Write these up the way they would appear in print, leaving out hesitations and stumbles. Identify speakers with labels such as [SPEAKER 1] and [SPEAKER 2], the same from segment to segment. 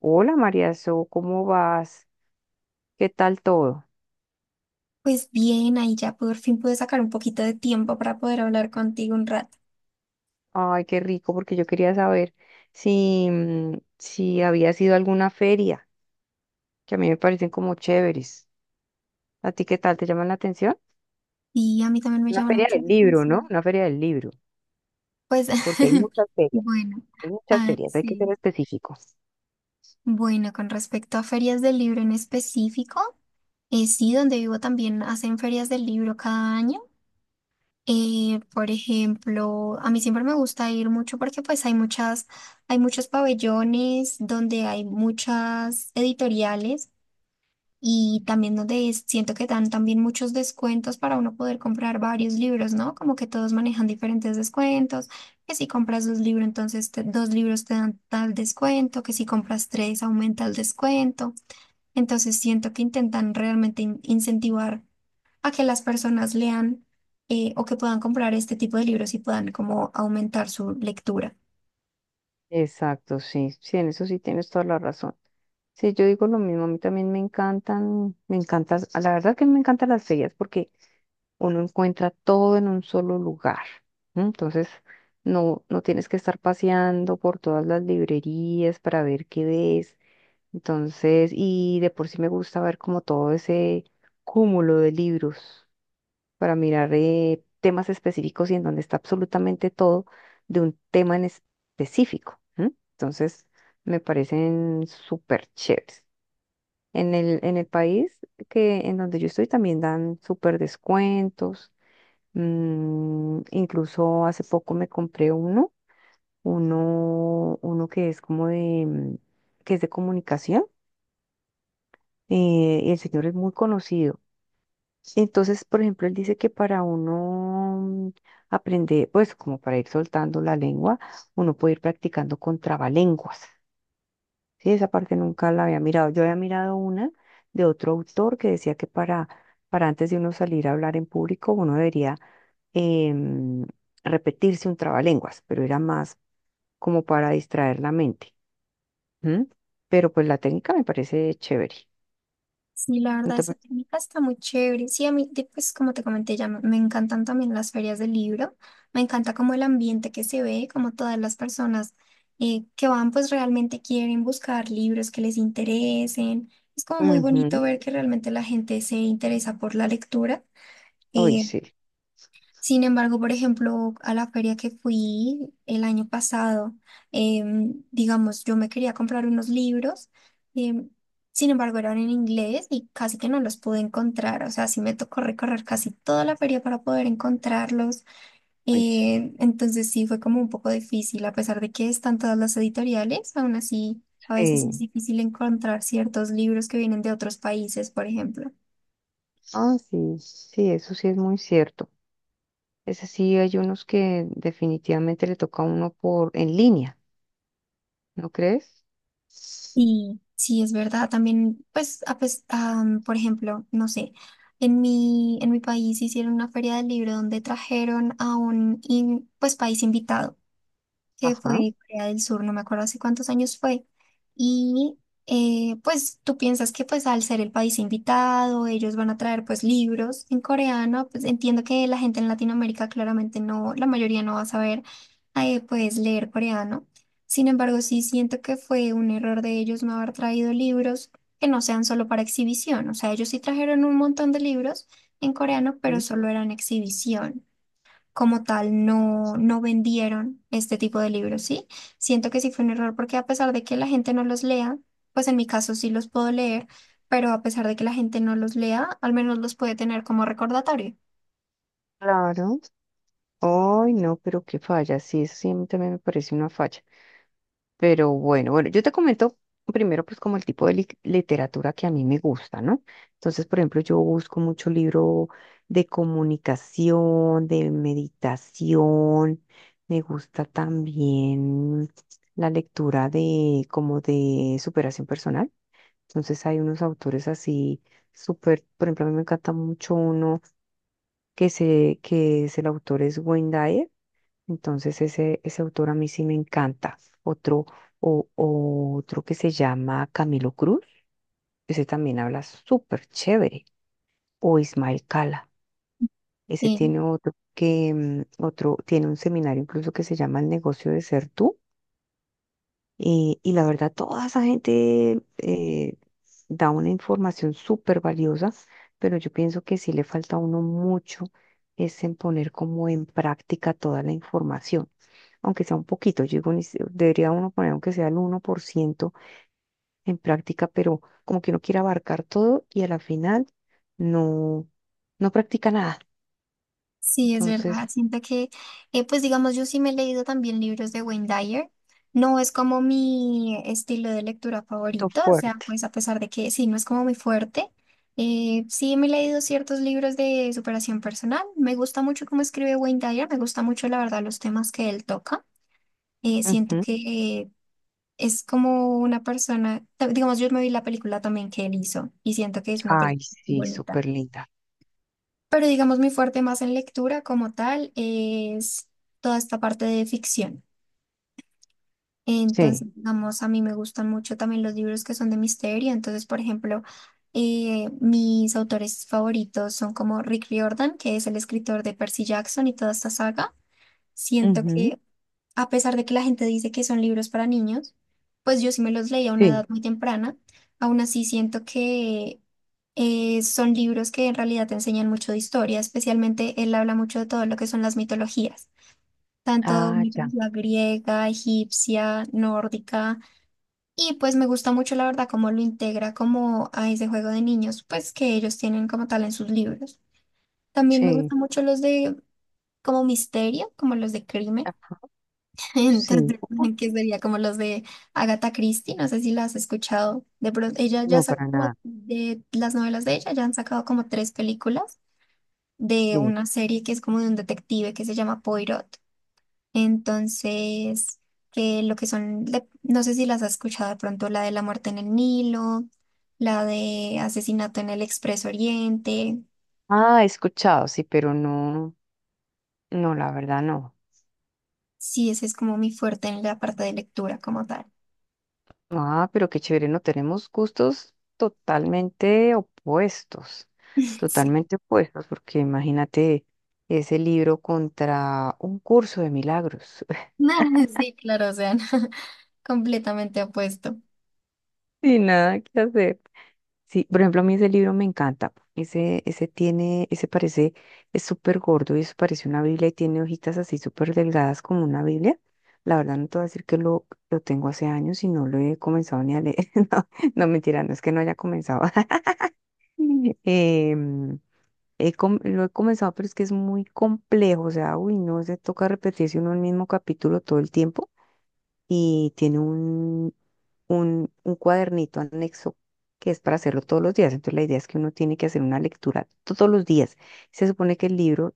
[SPEAKER 1] Hola María So, ¿cómo vas? ¿Qué tal todo?
[SPEAKER 2] Pues bien, ahí ya por fin pude sacar un poquito de tiempo para poder hablar contigo un rato.
[SPEAKER 1] Ay, qué rico, porque yo quería saber si, si había sido alguna feria, que a mí me parecen como chéveres. ¿A ti qué tal? ¿Te llaman la atención?
[SPEAKER 2] Y a mí también me
[SPEAKER 1] Una
[SPEAKER 2] llaman
[SPEAKER 1] feria
[SPEAKER 2] mucho la
[SPEAKER 1] del libro, ¿no?
[SPEAKER 2] atención.
[SPEAKER 1] Una feria del libro,
[SPEAKER 2] Pues
[SPEAKER 1] porque hay muchas ferias,
[SPEAKER 2] bueno,
[SPEAKER 1] hay muchas
[SPEAKER 2] ah,
[SPEAKER 1] ferias, hay que ser
[SPEAKER 2] sí.
[SPEAKER 1] específicos.
[SPEAKER 2] Bueno, con respecto a ferias del libro en específico, sí, donde vivo también hacen ferias del libro cada año. Por ejemplo, a mí siempre me gusta ir mucho porque hay muchos pabellones donde hay muchas editoriales y también siento que dan también muchos descuentos para uno poder comprar varios libros, ¿no? Como que todos manejan diferentes descuentos, que si compras dos libros, dos libros te dan tal descuento, que si compras tres aumenta el descuento. Entonces siento que intentan realmente incentivar a que las personas lean, o que puedan comprar este tipo de libros y puedan como aumentar su lectura.
[SPEAKER 1] Exacto, sí, sí, en eso sí tienes toda la razón. Sí, yo digo lo mismo, a mí también me encantan, la verdad que me encantan las ferias, porque uno encuentra todo en un solo lugar. ¿M? Entonces, no, no tienes que estar paseando por todas las librerías para ver qué ves. Entonces, y de por sí me gusta ver como todo ese cúmulo de libros para mirar temas específicos y en donde está absolutamente todo de un tema en específico. ¿M? Entonces, me parecen súper chéveres. En el país que en donde yo estoy también dan súper descuentos. Incluso hace poco me compré uno, uno que es como de, que es de comunicación, y el señor es muy conocido. Entonces, por ejemplo, él dice que para uno mm, aprender, pues como para ir soltando la lengua, uno puede ir practicando con trabalenguas. Sí, esa parte nunca la había mirado. Yo había mirado una de otro autor que decía que para antes de uno salir a hablar en público, uno debería em, repetirse un trabalenguas, pero era más como para distraer la mente. ¿M? Pero pues la técnica me parece chévere.
[SPEAKER 2] Sí, la
[SPEAKER 1] ¿No
[SPEAKER 2] verdad,
[SPEAKER 1] te
[SPEAKER 2] esa
[SPEAKER 1] parece?
[SPEAKER 2] técnica está muy chévere. Sí, pues como te comenté, ya me encantan también las ferias del libro. Me encanta como el ambiente que se ve, como todas las personas que van, pues realmente quieren buscar libros que les interesen. Es como muy bonito
[SPEAKER 1] Ujú.
[SPEAKER 2] ver que realmente la gente se interesa por la lectura.
[SPEAKER 1] Uy,
[SPEAKER 2] eh,
[SPEAKER 1] sí.
[SPEAKER 2] Sin embargo, por ejemplo, a la feria que fui el año pasado, digamos, yo me quería comprar unos libros, em, sin embargo, eran en inglés y casi que no los pude encontrar. O sea, sí me tocó recorrer casi toda la feria para poder encontrarlos.
[SPEAKER 1] Uy,
[SPEAKER 2] Entonces sí fue como un poco difícil, a pesar de que están todas las editoriales, aún así a veces es
[SPEAKER 1] sí.
[SPEAKER 2] difícil encontrar ciertos libros que vienen de otros países, por ejemplo.
[SPEAKER 1] Ah, sí, sí, eso sí es muy cierto. Es así, hay unos que definitivamente le toca a uno por en línea, ¿no crees?
[SPEAKER 2] Sí, sí, es verdad. También, por ejemplo, no sé, en mi país hicieron una feria del libro donde trajeron a un pues, país invitado que
[SPEAKER 1] Ajá.
[SPEAKER 2] fue Corea del Sur, no me acuerdo hace cuántos años fue. Y pues tú piensas que pues al ser el país invitado, ellos van a traer pues libros en coreano, pues entiendo que la gente en Latinoamérica claramente no, la mayoría no va a saber, pues, leer coreano. Sin embargo, sí siento que fue un error de ellos no haber traído libros que no sean solo para exhibición. O sea, ellos sí trajeron un montón de libros en coreano, pero
[SPEAKER 1] Mm.
[SPEAKER 2] solo eran exhibición como tal, no, no vendieron este tipo de libros, ¿sí? Siento que sí fue un error porque a pesar de que la gente no los lea, pues en mi caso sí los puedo leer, pero a pesar de que la gente no los lea, al menos los puede tener como recordatorio.
[SPEAKER 1] Claro. Ay, no, pero qué falla. Sí, eso sí a mí también me parece una falla. Pero bueno, bueno, yo te comento primero pues como el tipo de literatura que a mí me gusta, ¿no? Entonces, por ejemplo, yo busco mucho libro de comunicación, de meditación, me gusta también la lectura de como de superación personal. Entonces hay unos autores así súper, por ejemplo, a mí me encanta mucho uno que se que es el autor es Wayne Dyer. Entonces ese autor a mí sí me encanta. Otro, o otro que se llama Camilo Cruz, ese también habla súper chévere. O Ismael Cala, ese
[SPEAKER 2] Sí.
[SPEAKER 1] tiene otro que otro, tiene un seminario incluso que se llama El negocio de ser tú. Y la verdad, toda esa gente da una información súper valiosa, pero yo pienso que sí le falta a uno mucho es en poner como en práctica toda la información. Aunque sea un poquito, yo digo, ni se- debería uno poner aunque sea el 1% en práctica, pero como que uno quiere abarcar todo y a la final no, no practica nada.
[SPEAKER 2] Sí, es verdad.
[SPEAKER 1] Entonces,
[SPEAKER 2] Siento que, pues digamos, yo sí me he leído también libros de Wayne Dyer. No es como mi estilo de lectura
[SPEAKER 1] esto
[SPEAKER 2] favorito, o sea,
[SPEAKER 1] fuerte.
[SPEAKER 2] pues a pesar de que sí, no es como muy fuerte. Sí, me he leído ciertos libros de superación personal. Me gusta mucho cómo escribe Wayne Dyer, me gusta mucho, la verdad, los temas que él toca. Eh, siento
[SPEAKER 1] Ujú.
[SPEAKER 2] que eh, es como una persona, digamos, yo me vi la película también que él hizo y siento que es una
[SPEAKER 1] Ay,
[SPEAKER 2] película muy
[SPEAKER 1] sí,
[SPEAKER 2] bonita.
[SPEAKER 1] súper linda.
[SPEAKER 2] Pero digamos, mi fuerte más en lectura como tal es toda esta parte de ficción. Entonces,
[SPEAKER 1] Sí,
[SPEAKER 2] digamos, a mí me gustan mucho también los libros que son de misterio. Entonces, por ejemplo, mis autores favoritos son como Rick Riordan, que es el escritor de Percy Jackson y toda esta saga. Siento
[SPEAKER 1] Ujú,
[SPEAKER 2] que a pesar de que la gente dice que son libros para niños, pues yo sí me los leí a una
[SPEAKER 1] sí,
[SPEAKER 2] edad muy temprana. Aún así siento que son libros que en realidad te enseñan mucho de historia, especialmente él habla mucho de todo lo que son las mitologías, tanto
[SPEAKER 1] ah, ya,
[SPEAKER 2] mitología griega, egipcia, nórdica, y pues me gusta mucho la verdad cómo lo integra como a ese juego de niños, pues que ellos tienen como tal en sus libros. También me
[SPEAKER 1] sí,
[SPEAKER 2] gustan mucho los de como misterio, como los de crimen.
[SPEAKER 1] ajá. Sí,
[SPEAKER 2] Entonces,
[SPEAKER 1] Uy,
[SPEAKER 2] que sería como los de Agatha Christie, no sé si las has escuchado. De pronto, ella ya
[SPEAKER 1] no
[SPEAKER 2] sacó
[SPEAKER 1] para
[SPEAKER 2] como
[SPEAKER 1] nada,
[SPEAKER 2] de las novelas de ella, ya han sacado como tres películas de
[SPEAKER 1] sí.
[SPEAKER 2] una serie que es como de un detective que se llama Poirot. Entonces, que lo que son, de- no sé si las has escuchado de pronto, la de la muerte en el Nilo, la de asesinato en el Expreso Oriente.
[SPEAKER 1] Ah, he escuchado, sí, pero no, no, la verdad no.
[SPEAKER 2] Sí, ese es como mi fuerte en la parte de lectura como tal.
[SPEAKER 1] Ah, pero qué chévere, no tenemos gustos
[SPEAKER 2] Sí.
[SPEAKER 1] totalmente opuestos, porque imagínate ese libro contra un curso de milagros,
[SPEAKER 2] Sí, claro, o sea, no, completamente opuesto.
[SPEAKER 1] sin nada que hacer. Sí, por ejemplo, a mí ese libro me encanta. Ese tiene, ese parece, es súper gordo y eso parece una Biblia y tiene hojitas así súper delgadas como una Biblia. La verdad no te voy a decir que lo tengo hace años y no lo he comenzado ni a leer. No, no mentira, no es que no haya comenzado. Em, lo he comenzado, pero es que es muy complejo, o sea, uy, no se toca repetirse uno el mismo capítulo todo el tiempo y tiene un cuadernito anexo que es para hacerlo todos los días. Entonces la idea es que uno tiene que hacer una lectura todos los días. Se supone que el libro,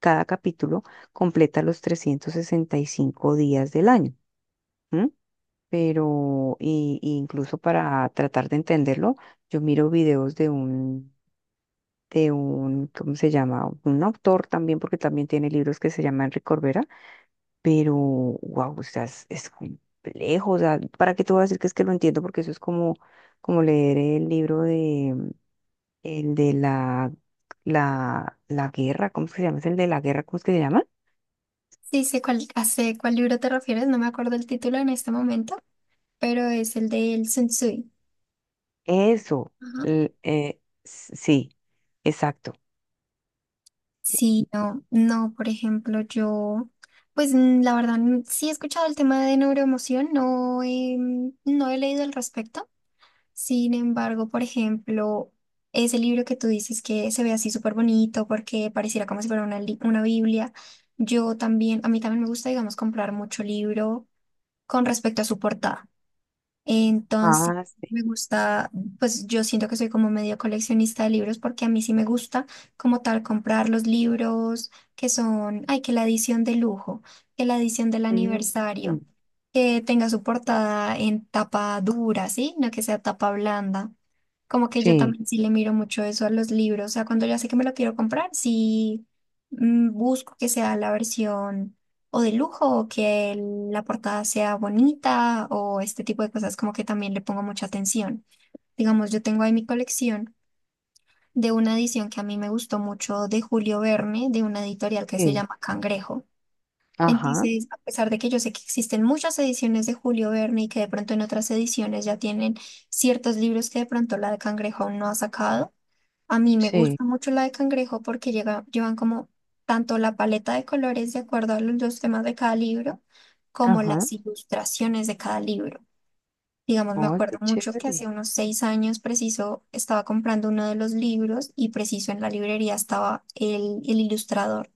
[SPEAKER 1] cada capítulo, completa los 365 días del año. ¿M? Pero y incluso para tratar de entenderlo, yo miro videos de un ¿cómo se llama? Un autor también, porque también tiene libros que se llama Enrique Corbera, pero, wow, o sea, es complejo, o sea, ¿para qué te voy a decir que es que lo entiendo? Porque eso es como leer el libro de, el de la, la guerra, ¿cómo es que se llama? ¿Es el de la guerra? ¿Cómo es que se llama?
[SPEAKER 2] Sí, sé cuál, hace cuál libro te refieres, no me acuerdo el título en este momento, pero es el de El Sensui.
[SPEAKER 1] Eso,
[SPEAKER 2] Ajá.
[SPEAKER 1] sí, exacto.
[SPEAKER 2] Sí, no, no, por ejemplo, yo, la verdad, sí he escuchado el tema de neuroemoción, no, no he leído al respecto. Sin embargo, por ejemplo, ese libro que tú dices que se ve así súper bonito porque pareciera como si fuera una, una Biblia, yo también, a mí también me gusta, digamos, comprar mucho libro con respecto a su portada. Entonces,
[SPEAKER 1] Ah, sí.
[SPEAKER 2] me gusta, pues yo siento que soy como medio coleccionista de libros porque a mí sí me gusta como tal comprar los libros que son, ay, que la edición de lujo, que la edición del
[SPEAKER 1] Mm, mm.
[SPEAKER 2] aniversario, que tenga su portada en tapa dura, ¿sí? No que sea tapa blanda. Como que yo
[SPEAKER 1] Sí,
[SPEAKER 2] también sí le miro mucho eso a los libros. O sea, cuando ya sé que me lo quiero comprar, sí, busco que sea la versión o de lujo, o que la portada sea bonita o este tipo de cosas, como que también le pongo mucha atención. Digamos, yo tengo ahí mi colección de una edición que a mí me gustó mucho de Julio Verne, de una editorial que se
[SPEAKER 1] sí,
[SPEAKER 2] llama Cangrejo.
[SPEAKER 1] ajá,
[SPEAKER 2] Entonces, a pesar de que yo sé que existen muchas ediciones de Julio Verne y que de pronto en otras ediciones ya tienen ciertos libros que de pronto la de Cangrejo aún no ha sacado, a mí me
[SPEAKER 1] sí,
[SPEAKER 2] gusta mucho la de cangrejo porque llevan como tanto la paleta de colores de acuerdo a los temas de cada libro, como
[SPEAKER 1] ajá.
[SPEAKER 2] las ilustraciones de cada libro. Digamos, me
[SPEAKER 1] Ay, qué
[SPEAKER 2] acuerdo mucho que hace
[SPEAKER 1] chévere.
[SPEAKER 2] unos 6 años preciso estaba comprando uno de los libros y preciso en la librería estaba el ilustrador.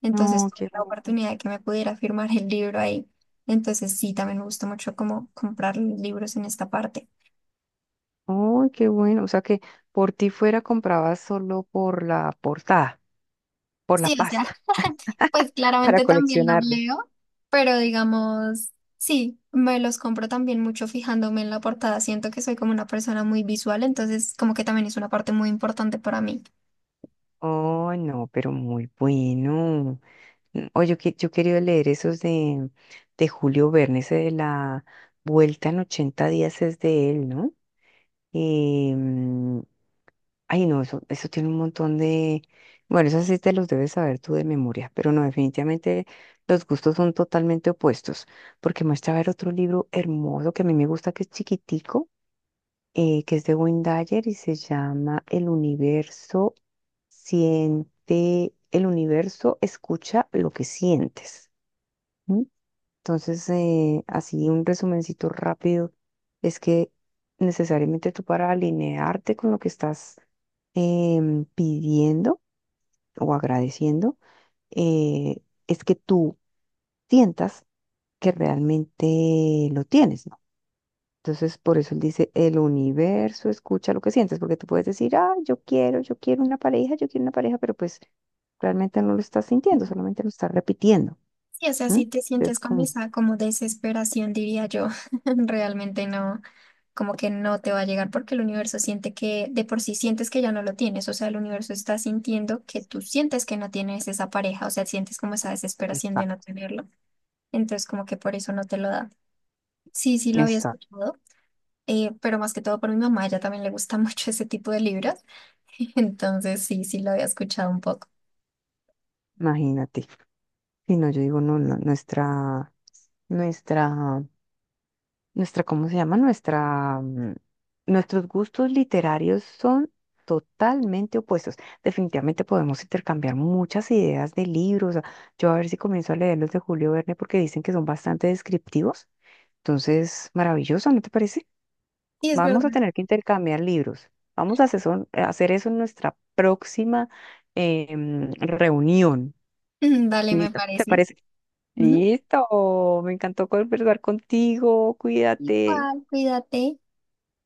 [SPEAKER 2] Entonces
[SPEAKER 1] No, qué
[SPEAKER 2] tuve la
[SPEAKER 1] bueno.
[SPEAKER 2] oportunidad de que me pudiera firmar el libro ahí. Entonces sí, también me gusta mucho como comprar libros en esta parte.
[SPEAKER 1] Uy, qué bueno. O sea que por ti fuera comprabas solo por la portada, por
[SPEAKER 2] Sí,
[SPEAKER 1] la
[SPEAKER 2] o sea,
[SPEAKER 1] pasta,
[SPEAKER 2] pues
[SPEAKER 1] para
[SPEAKER 2] claramente también los
[SPEAKER 1] coleccionarlos.
[SPEAKER 2] leo, pero digamos, sí, me los compro también mucho fijándome en la portada. Siento que soy como una persona muy visual, entonces como que también es una parte muy importante para mí.
[SPEAKER 1] Oh, no, pero muy bueno. Oye, yo quería leer esos de Julio Verne, ese de la Vuelta en 80 días es de él, ¿no? Ay, no, eso tiene un montón de... Bueno, eso sí te los debes saber tú de memoria, pero no, definitivamente los gustos son totalmente opuestos, porque me estaba ver otro libro hermoso que a mí me gusta, que es chiquitico, que es de Wendayer y se llama El universo siente, el universo escucha lo que sientes. Entonces, así un resumencito rápido es que necesariamente tú para alinearte con lo que estás pidiendo o agradeciendo, eh, es que tú sientas que realmente lo tienes, ¿no? Entonces, por eso él dice, el universo escucha lo que sientes, porque tú puedes decir, ah, yo quiero una pareja, yo quiero una pareja, pero pues realmente no lo estás sintiendo, solamente lo estás repitiendo.
[SPEAKER 2] Sí, o sea,
[SPEAKER 1] ¿M?
[SPEAKER 2] si te
[SPEAKER 1] Es
[SPEAKER 2] sientes con
[SPEAKER 1] como,
[SPEAKER 2] esa como desesperación, diría yo, realmente no, como que no te va a llegar porque el universo siente que de por sí sientes que ya no lo tienes, o sea, el universo está sintiendo que tú sientes que no tienes esa pareja, o sea, sientes como esa desesperación de no
[SPEAKER 1] exacto,
[SPEAKER 2] tenerlo. Entonces, como que por eso no te lo da. Sí, sí lo había
[SPEAKER 1] exacto,
[SPEAKER 2] escuchado, pero más que todo por mi mamá, a ella también le gusta mucho ese tipo de libros. Entonces, sí, sí lo había escuchado un poco.
[SPEAKER 1] imagínate. Sí, no, yo digo, no, no, nuestra, nuestra, ¿cómo se llama? Nuestros gustos literarios son totalmente opuestos. Definitivamente podemos intercambiar muchas ideas de libros. Yo a ver si comienzo a leer los de Julio Verne porque dicen que son bastante descriptivos. Entonces, maravilloso, ¿no te parece?
[SPEAKER 2] Sí, es verdad.
[SPEAKER 1] Vamos a tener que intercambiar libros. Vamos a a hacer eso en nuestra próxima reunión.
[SPEAKER 2] Dale, me
[SPEAKER 1] ¿Listo? ¿Te
[SPEAKER 2] parece.
[SPEAKER 1] parece?
[SPEAKER 2] Ujú.
[SPEAKER 1] Listo, me encantó conversar contigo, cuídate.
[SPEAKER 2] Igual, cuídate.